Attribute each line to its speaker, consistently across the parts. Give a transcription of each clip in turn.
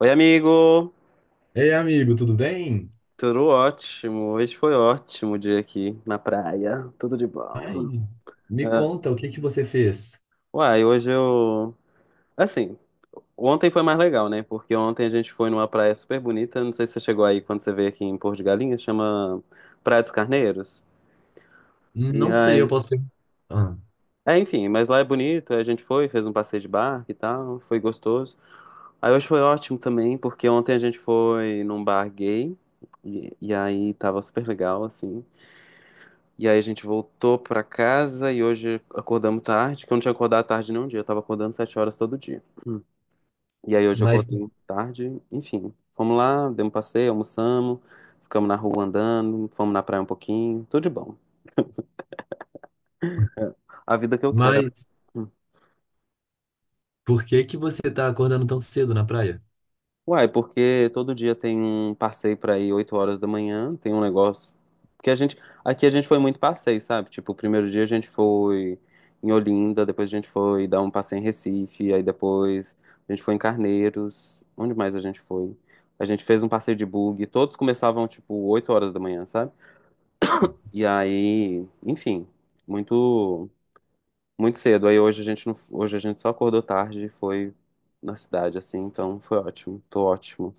Speaker 1: Oi, amigo!
Speaker 2: Ei, amigo, tudo bem?
Speaker 1: Tudo ótimo. Hoje foi ótimo o dia aqui na praia. Tudo de bom. Hum.
Speaker 2: Ai, me
Speaker 1: Ah,
Speaker 2: conta, o que que você fez?
Speaker 1: uai, hoje eu. Assim, ontem foi mais legal, né? Porque ontem a gente foi numa praia super bonita. Não sei se você chegou aí quando você veio aqui em Porto de Galinhas, chama Praia dos Carneiros. E
Speaker 2: Não sei, eu
Speaker 1: aí.
Speaker 2: posso perguntar. Ah,
Speaker 1: É, enfim, mas lá é bonito. Aí A gente foi, fez um passeio de barco e tal. Foi gostoso. Aí hoje foi ótimo também, porque ontem a gente foi num bar gay. E aí tava super legal, assim. E aí a gente voltou pra casa e hoje acordamos tarde, que eu não tinha acordado tarde nenhum dia, eu tava acordando 7h todo dia. Hum. E aí hoje eu
Speaker 2: mas,
Speaker 1: acordei tarde, enfim. Fomos lá, demos um passeio, almoçamos, ficamos na rua andando, fomos na praia um pouquinho, tudo de bom. A vida que eu quero.
Speaker 2: mas por que que você tá acordando tão cedo na praia?
Speaker 1: Uai, porque todo dia tem um passeio pra ir 8h da manhã, tem um negócio. Porque a gente. Aqui a gente foi muito passeio, sabe? Tipo, o primeiro dia a gente foi em Olinda, depois a gente foi dar um passeio em Recife, aí depois a gente foi em Carneiros. Onde mais a gente foi? A gente fez um passeio de bug, todos começavam, tipo, 8h da manhã, sabe? E aí, enfim, muito, muito cedo. Aí hoje a gente não, hoje a gente só acordou tarde e foi na cidade, assim, então foi ótimo, tô ótimo.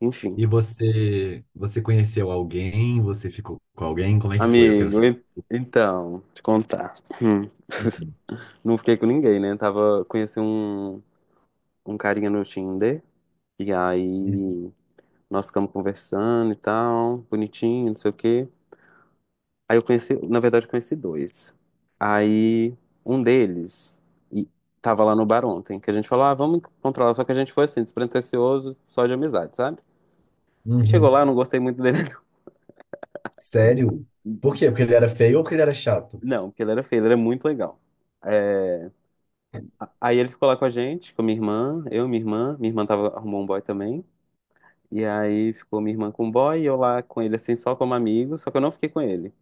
Speaker 1: Enfim.
Speaker 2: E você conheceu alguém? Você ficou com alguém? Como é que foi? Eu quero
Speaker 1: Amigo,
Speaker 2: saber.
Speaker 1: então, te contar. Hum. Não fiquei com ninguém, né? Tava, conheci um, um carinha no Tinder, e
Speaker 2: Uhum.
Speaker 1: aí nós ficamos conversando e tal, bonitinho, não sei o quê. Aí eu conheci, na verdade, eu conheci dois. Aí um deles e tava lá no bar ontem, que a gente falou, ah, vamos encontrar lá. Só que a gente foi assim, despretensioso, só de amizade, sabe? E chegou
Speaker 2: Uhum.
Speaker 1: lá, eu não gostei muito dele.
Speaker 2: Sério? Por quê? Porque ele era feio ou porque ele era chato?
Speaker 1: Não, porque ele era feio, ele era muito legal. É, Aí ele ficou lá com a gente, com minha irmã, minha irmã tava, arrumou um boy também. E aí ficou minha irmã com o boy e eu lá com ele, assim, só como amigo, só que eu não fiquei com ele.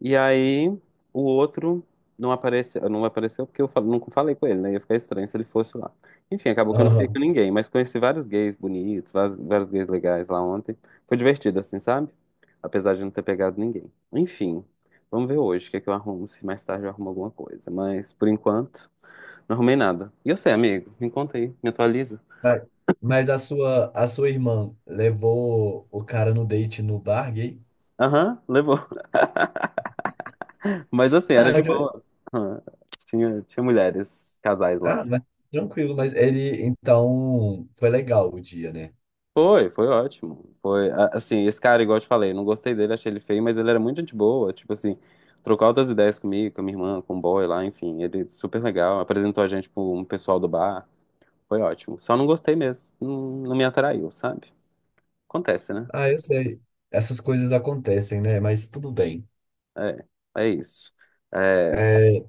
Speaker 1: E aí o outro não apareceu, não apareceu porque eu nunca falei com ele, né? Ia ficar estranho se ele fosse lá. Enfim, acabou que eu não fiquei com
Speaker 2: Aham.
Speaker 1: ninguém, mas conheci vários gays bonitos, vários, vários gays legais lá ontem. Foi divertido, assim, sabe? Apesar de não ter pegado ninguém. Enfim, vamos ver hoje o que é que eu arrumo, se mais tarde eu arrumo alguma coisa. Mas por enquanto. Não arrumei nada. E eu sei, amigo. Me conta aí, me atualiza.
Speaker 2: Mas mas a sua irmã levou o cara no date no bar gay?
Speaker 1: Aham, levou. Mas assim, era de boa. Aham. Tinha mulheres, casais lá.
Speaker 2: Ah, mas tranquilo, mas ele, então, foi legal o dia, né?
Speaker 1: Foi ótimo. Assim, esse cara, igual eu te falei, não gostei dele, achei ele feio, mas ele era muito gente boa. Tipo assim, trocou altas ideias comigo, com a minha irmã, com o boy lá, enfim. Ele super legal. Apresentou a gente pro um pessoal do bar. Foi ótimo. Só não gostei mesmo. Não me atraiu, sabe? Acontece, né?
Speaker 2: Ah, eu sei. Essas coisas acontecem, né? Mas tudo bem.
Speaker 1: É, é isso. É,
Speaker 2: É,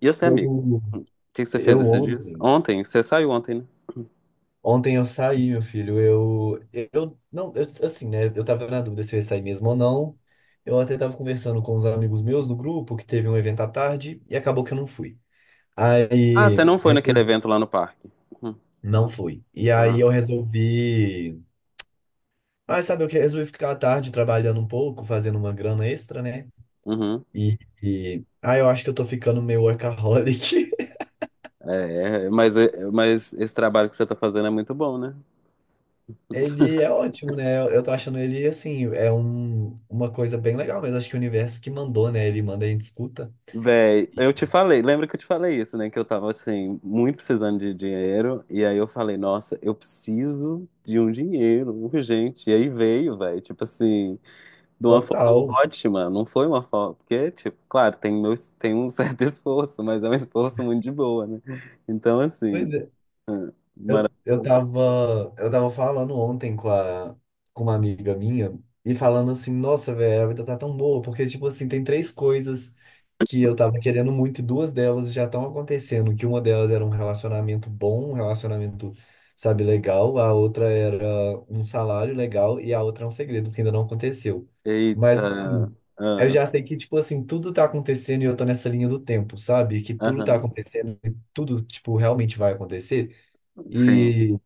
Speaker 1: e você, amigo?
Speaker 2: eu,
Speaker 1: O que que você fez
Speaker 2: eu
Speaker 1: esses dias?
Speaker 2: ontem,
Speaker 1: Ontem? Você saiu ontem, né?
Speaker 2: ontem eu saí, meu filho. Eu não, eu, assim, né? Eu tava na dúvida se eu ia sair mesmo ou não. Eu até tava conversando com uns amigos meus no grupo que teve um evento à tarde e acabou que eu não fui.
Speaker 1: Ah, você
Speaker 2: Aí,
Speaker 1: não foi naquele evento lá no parque. Uhum.
Speaker 2: não fui. E
Speaker 1: Ah,
Speaker 2: aí eu resolvi. Mas sabe o que? Resolvi ficar à tarde trabalhando um pouco, fazendo uma grana extra, né?
Speaker 1: uhum.
Speaker 2: Ah, eu acho que eu tô ficando meio workaholic.
Speaker 1: Mas esse trabalho que você tá fazendo é muito bom, né?
Speaker 2: Ele é ótimo, né? Eu tô achando ele, assim, é uma coisa bem legal, mas acho que o universo que mandou, né? Ele manda e a gente escuta.
Speaker 1: Véi, eu te falei, lembra que eu te falei isso, né? Que eu tava, assim, muito precisando de dinheiro. E aí eu falei, nossa, eu preciso de um dinheiro urgente. E aí veio, véi, tipo assim. De uma forma
Speaker 2: Total.
Speaker 1: ótima, não foi uma forma, porque, tipo, claro, meu, tem um certo esforço, mas é um esforço muito de boa, né? Então, assim,
Speaker 2: Pois é. Eu tava falando ontem com uma amiga minha e falando assim, nossa, velho, a vida tá tão boa, porque, tipo assim, tem três coisas que eu tava querendo muito, e duas delas já estão acontecendo, que uma delas era um relacionamento bom, um relacionamento, sabe, legal, a outra era um salário legal e a outra é um segredo, que ainda não aconteceu.
Speaker 1: eita,
Speaker 2: Mas, assim, eu
Speaker 1: ah,
Speaker 2: já sei que, tipo assim, tudo tá acontecendo e eu tô nessa linha do tempo, sabe? Que tudo tá
Speaker 1: aham,
Speaker 2: acontecendo e tudo, tipo, realmente vai acontecer.
Speaker 1: sim,
Speaker 2: e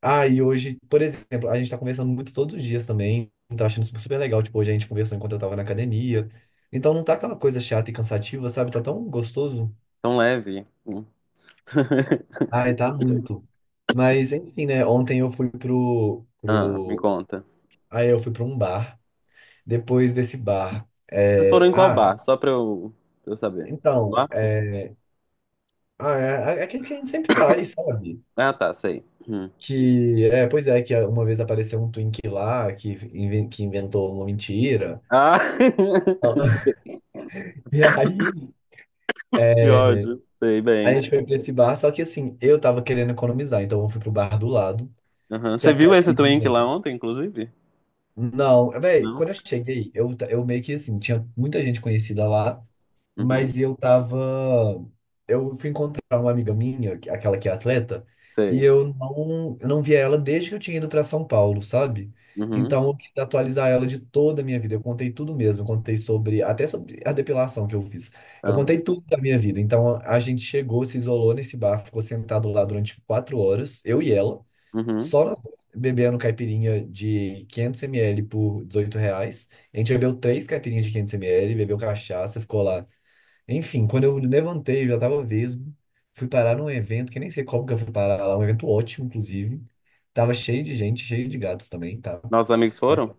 Speaker 2: e hoje, por exemplo, a gente tá conversando muito todos os dias também. Tá achando super super legal. Tipo, hoje a gente conversou enquanto eu tava na academia. Então não tá aquela coisa chata e cansativa, sabe? Tá tão gostoso.
Speaker 1: tão leve. Hum.
Speaker 2: Ai, tá muito. Mas, enfim, né? Ontem eu fui pro,
Speaker 1: Ah, me
Speaker 2: pro...
Speaker 1: conta.
Speaker 2: Aí eu fui pra um bar. Depois desse bar.
Speaker 1: Vocês
Speaker 2: É,
Speaker 1: foram em qual bar?
Speaker 2: ah,
Speaker 1: Só pra eu saber.
Speaker 2: então,
Speaker 1: Marcos?
Speaker 2: é, ah, é aquele que a gente sempre vai, sabe?
Speaker 1: Ah, tá, sei. Hum.
Speaker 2: Que, é, pois é, que uma vez apareceu um twink lá que, que inventou uma mentira.
Speaker 1: Ah,
Speaker 2: E aí...
Speaker 1: que ódio. Sei
Speaker 2: A
Speaker 1: bem.
Speaker 2: gente foi pra esse bar, só que assim, eu tava querendo economizar, então eu fui pro bar do lado,
Speaker 1: Aham.
Speaker 2: que é
Speaker 1: Você
Speaker 2: a
Speaker 1: viu esse Twink lá
Speaker 2: caipirinha.
Speaker 1: ontem, inclusive?
Speaker 2: Não, velho,
Speaker 1: Não?
Speaker 2: quando eu cheguei, eu meio que assim, tinha muita gente conhecida lá,
Speaker 1: Uhum.
Speaker 2: mas eu tava. Eu fui encontrar uma amiga minha, aquela que é atleta, e
Speaker 1: Sei.
Speaker 2: eu não via ela desde que eu tinha ido para São Paulo, sabe?
Speaker 1: Uhum.
Speaker 2: Então eu quis atualizar ela de toda a minha vida. Eu contei tudo mesmo. Eu contei sobre, até sobre a depilação que eu fiz. Eu
Speaker 1: Amo.
Speaker 2: contei tudo da minha vida. Então a gente chegou, se isolou nesse bar, ficou sentado lá durante 4 horas, eu e ela,
Speaker 1: Uhum.
Speaker 2: só nós dois, bebendo caipirinha de 500 ml por R$ 18. A gente bebeu três caipirinhas de 500 ml, bebeu cachaça, ficou lá, enfim, quando eu levantei, eu já tava vesgo. Fui parar num evento, que nem sei como que eu fui parar lá, um evento ótimo, inclusive. Tava cheio de gente, cheio de gatos também, tá?
Speaker 1: Nossos amigos
Speaker 2: Mas
Speaker 1: foram?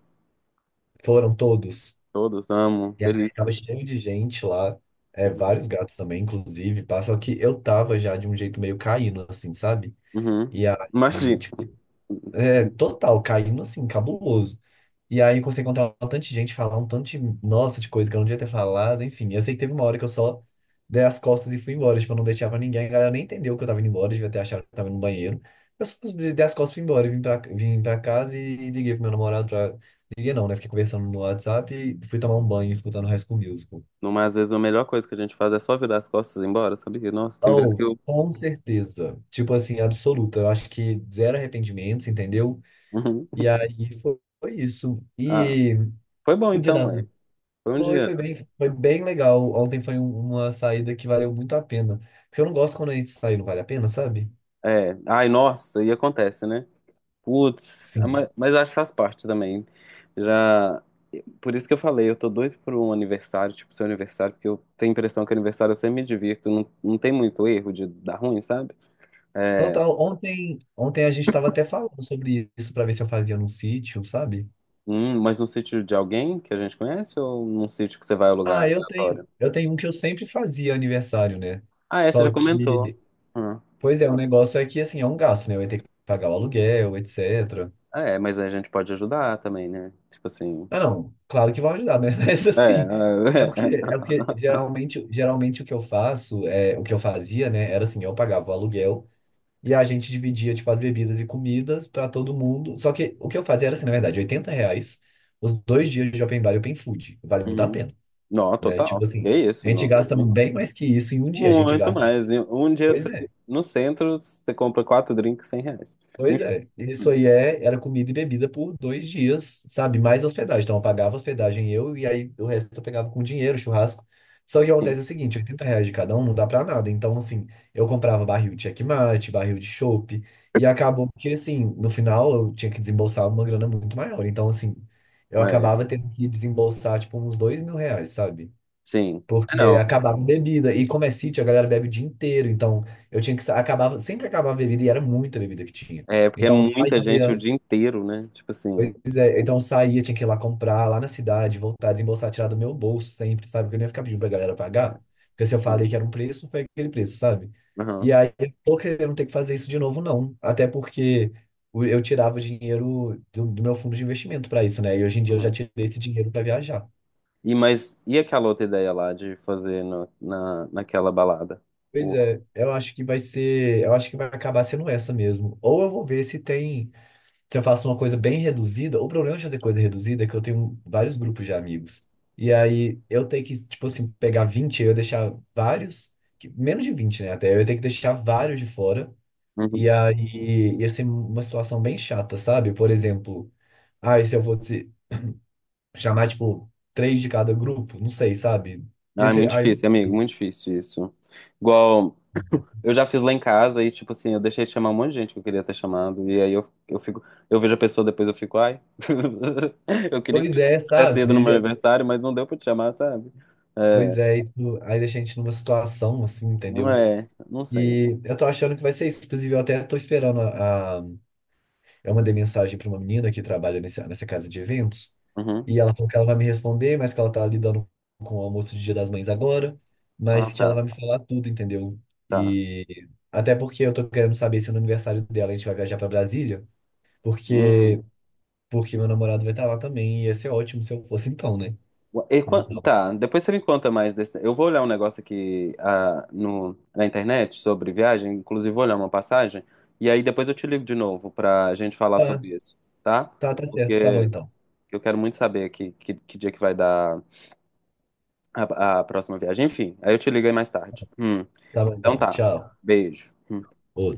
Speaker 2: foram todos.
Speaker 1: Todos amo,
Speaker 2: E aí tava
Speaker 1: delícia.
Speaker 2: cheio de gente lá, é,
Speaker 1: Uhum.
Speaker 2: vários gatos também, inclusive, pá. Só que eu tava já de um jeito meio caindo, assim, sabe?
Speaker 1: Uhum.
Speaker 2: E aí,
Speaker 1: Imagina.
Speaker 2: tipo, é, total, caindo assim, cabuloso. E aí eu comecei a encontrar um tanto de gente, falar um tanto de, nossa, de coisa que eu não devia ter falado, enfim. Eu sei que teve uma hora que eu só dei as costas e fui embora, tipo, eu não deixava pra ninguém, a galera nem entendeu que eu tava indo embora, devia ter achado que eu tava indo no banheiro. Eu só dei as costas e fui embora, e vim pra casa e liguei pro meu namorado pra... Liguei não, né? Fiquei conversando no WhatsApp e fui tomar um banho escutando High School Musical.
Speaker 1: Não, às vezes a melhor coisa que a gente faz é só virar as costas e ir embora, sabia? Nossa, tem vezes que
Speaker 2: Oh,
Speaker 1: eu.
Speaker 2: com certeza. Tipo assim, absoluta. Eu acho que zero arrependimentos, entendeu?
Speaker 1: Uhum.
Speaker 2: E aí foi isso.
Speaker 1: Ah,
Speaker 2: E
Speaker 1: foi bom
Speaker 2: o Dia
Speaker 1: então,
Speaker 2: das
Speaker 1: é. Foi um
Speaker 2: Foi,
Speaker 1: dia.
Speaker 2: foi bem, foi bem legal. Ontem foi uma saída que valeu muito a pena. Porque eu não gosto quando a gente sai, não vale a pena, sabe?
Speaker 1: É. Ai, nossa, e acontece, né? Putz, ah,
Speaker 2: Sim.
Speaker 1: mas acho que faz parte também. Já. Por isso que eu falei, eu tô doido por um aniversário, tipo seu aniversário, porque eu tenho a impressão que aniversário eu sempre me divirto, não, não tem muito erro de dar ruim, sabe? É,
Speaker 2: Total, ontem a gente estava até falando sobre isso para ver se eu fazia num sítio, sabe?
Speaker 1: hum, mas no sítio de alguém que a gente conhece ou num sítio que você vai alugar
Speaker 2: Ah, eu tenho,
Speaker 1: aleatório?
Speaker 2: eu tenho um que eu sempre fazia aniversário, né?
Speaker 1: Ah, é, você
Speaker 2: Só
Speaker 1: já
Speaker 2: que,
Speaker 1: comentou. Hum.
Speaker 2: pois é, o negócio é que assim, é um gasto, né? Eu ia ter que pagar o aluguel, etc.
Speaker 1: Ah, é, mas aí a gente pode ajudar também, né? Tipo assim.
Speaker 2: Ah, não, claro que vão ajudar, né? Mas assim, é
Speaker 1: É.
Speaker 2: porque, é porque geralmente o que eu faço, é, o que eu fazia, né, era assim, eu pagava o aluguel. E a gente dividia, tipo, as bebidas e comidas pra todo mundo. Só que o que eu fazia era assim, na verdade, R$ 80 os 2 dias de open bar e open food. Vale muito a
Speaker 1: Uhum.
Speaker 2: pena,
Speaker 1: Não,
Speaker 2: né?
Speaker 1: total.
Speaker 2: Tipo
Speaker 1: Que
Speaker 2: assim, a
Speaker 1: isso,
Speaker 2: gente
Speaker 1: não.
Speaker 2: gasta bem mais que isso em um dia. A gente
Speaker 1: Muito
Speaker 2: gasta, tipo,
Speaker 1: mais. E
Speaker 2: pois é.
Speaker 1: no centro você compra quatro drinks R$ 100.
Speaker 2: Pois
Speaker 1: Enfim,
Speaker 2: é, isso aí é, era comida e bebida por 2 dias, sabe? Mais hospedagem. Então eu pagava hospedagem eu e aí o resto eu pegava com dinheiro, churrasco. Só que acontece é
Speaker 1: sim.
Speaker 2: o seguinte, R$ 80 de cada um não dá pra nada. Então, assim, eu comprava barril de checkmate, barril de chopp, e acabou que, assim, no final eu tinha que desembolsar uma grana muito maior. Então, assim, eu
Speaker 1: É,
Speaker 2: acabava tendo que desembolsar, tipo, uns R$ 2.000, sabe?
Speaker 1: sim. É,
Speaker 2: Porque
Speaker 1: não.
Speaker 2: acabava em bebida. E como é sítio, a galera bebe o dia inteiro. Então, eu tinha que... Acabava... Sempre acabava a bebida e era muita bebida que tinha.
Speaker 1: É porque é
Speaker 2: Então, eu
Speaker 1: muita gente o
Speaker 2: saía...
Speaker 1: dia inteiro, né? Tipo assim.
Speaker 2: Pois é, então, eu saía, tinha que ir lá comprar, lá na cidade, voltar, desembolsar, tirar do meu bolso sempre, sabe? Porque eu não ia ficar pedindo pra galera
Speaker 1: É,
Speaker 2: pagar. Porque se eu falei
Speaker 1: sim.
Speaker 2: que era um preço, foi aquele preço, sabe? E
Speaker 1: Aham.
Speaker 2: aí, eu tô querendo ter que fazer isso de novo, não. Até porque eu tirava o dinheiro do meu fundo de investimento para isso, né? E hoje em dia eu já tirei esse dinheiro para viajar.
Speaker 1: E e aquela outra ideia lá de fazer naquela balada?
Speaker 2: Pois
Speaker 1: O-
Speaker 2: é, eu acho que vai ser, eu acho que vai acabar sendo essa mesmo. Ou eu vou ver se tem, se eu faço uma coisa bem reduzida. O problema de fazer coisa reduzida é que eu tenho vários grupos de amigos. E aí eu tenho que, tipo assim, pegar 20 eu deixar vários, menos de 20, né, até, eu tenho que deixar vários de fora.
Speaker 1: Uhum.
Speaker 2: E aí ia ser uma situação bem chata, sabe? Por exemplo, ah, e se eu fosse chamar, tipo, três de cada grupo, não sei, sabe?
Speaker 1: Ah,
Speaker 2: Ia
Speaker 1: é
Speaker 2: ser,
Speaker 1: muito
Speaker 2: ai, não
Speaker 1: difícil, amigo,
Speaker 2: sei.
Speaker 1: muito difícil isso. Igual eu já fiz lá em casa e tipo assim, eu deixei de chamar um monte de gente que eu queria ter chamado e aí eu fico, eu vejo a pessoa depois eu fico, ai, eu queria que
Speaker 2: Pois
Speaker 1: você
Speaker 2: é,
Speaker 1: tivesse
Speaker 2: sabe?
Speaker 1: ido no meu aniversário, mas não deu pra te chamar, sabe? É,
Speaker 2: Pois é, isso aí deixa a gente numa situação assim,
Speaker 1: não
Speaker 2: entendeu?
Speaker 1: é, não sei.
Speaker 2: E eu tô achando que vai ser isso. Inclusive, eu até tô esperando Eu mandei mensagem pra uma menina que trabalha nessa casa de eventos,
Speaker 1: Uhum.
Speaker 2: e ela falou que ela vai me responder, mas que ela tá lidando com o almoço de Dia das Mães agora,
Speaker 1: Ah,
Speaker 2: mas que ela
Speaker 1: tá,
Speaker 2: vai me falar tudo, entendeu?
Speaker 1: tá.
Speaker 2: E até porque eu tô querendo saber se no aniversário dela a gente vai viajar pra Brasília,
Speaker 1: Hum.
Speaker 2: porque porque meu namorado vai estar lá também, e ia ser ótimo se eu fosse então, né?
Speaker 1: E
Speaker 2: Então,
Speaker 1: tá, depois você me conta mais desse. Eu vou olhar um negócio aqui ah, no, na internet sobre viagem, inclusive vou olhar uma passagem, e aí depois eu te ligo de novo pra gente falar
Speaker 2: tá,
Speaker 1: sobre isso, tá?
Speaker 2: tá, tá certo, tá bom
Speaker 1: Porque
Speaker 2: então.
Speaker 1: eu quero muito saber que dia que vai dar a próxima viagem. Enfim, aí eu te ligo aí mais tarde.
Speaker 2: Tá bom
Speaker 1: Então
Speaker 2: então,
Speaker 1: tá,
Speaker 2: tchau.
Speaker 1: beijo. Hum.
Speaker 2: Ô,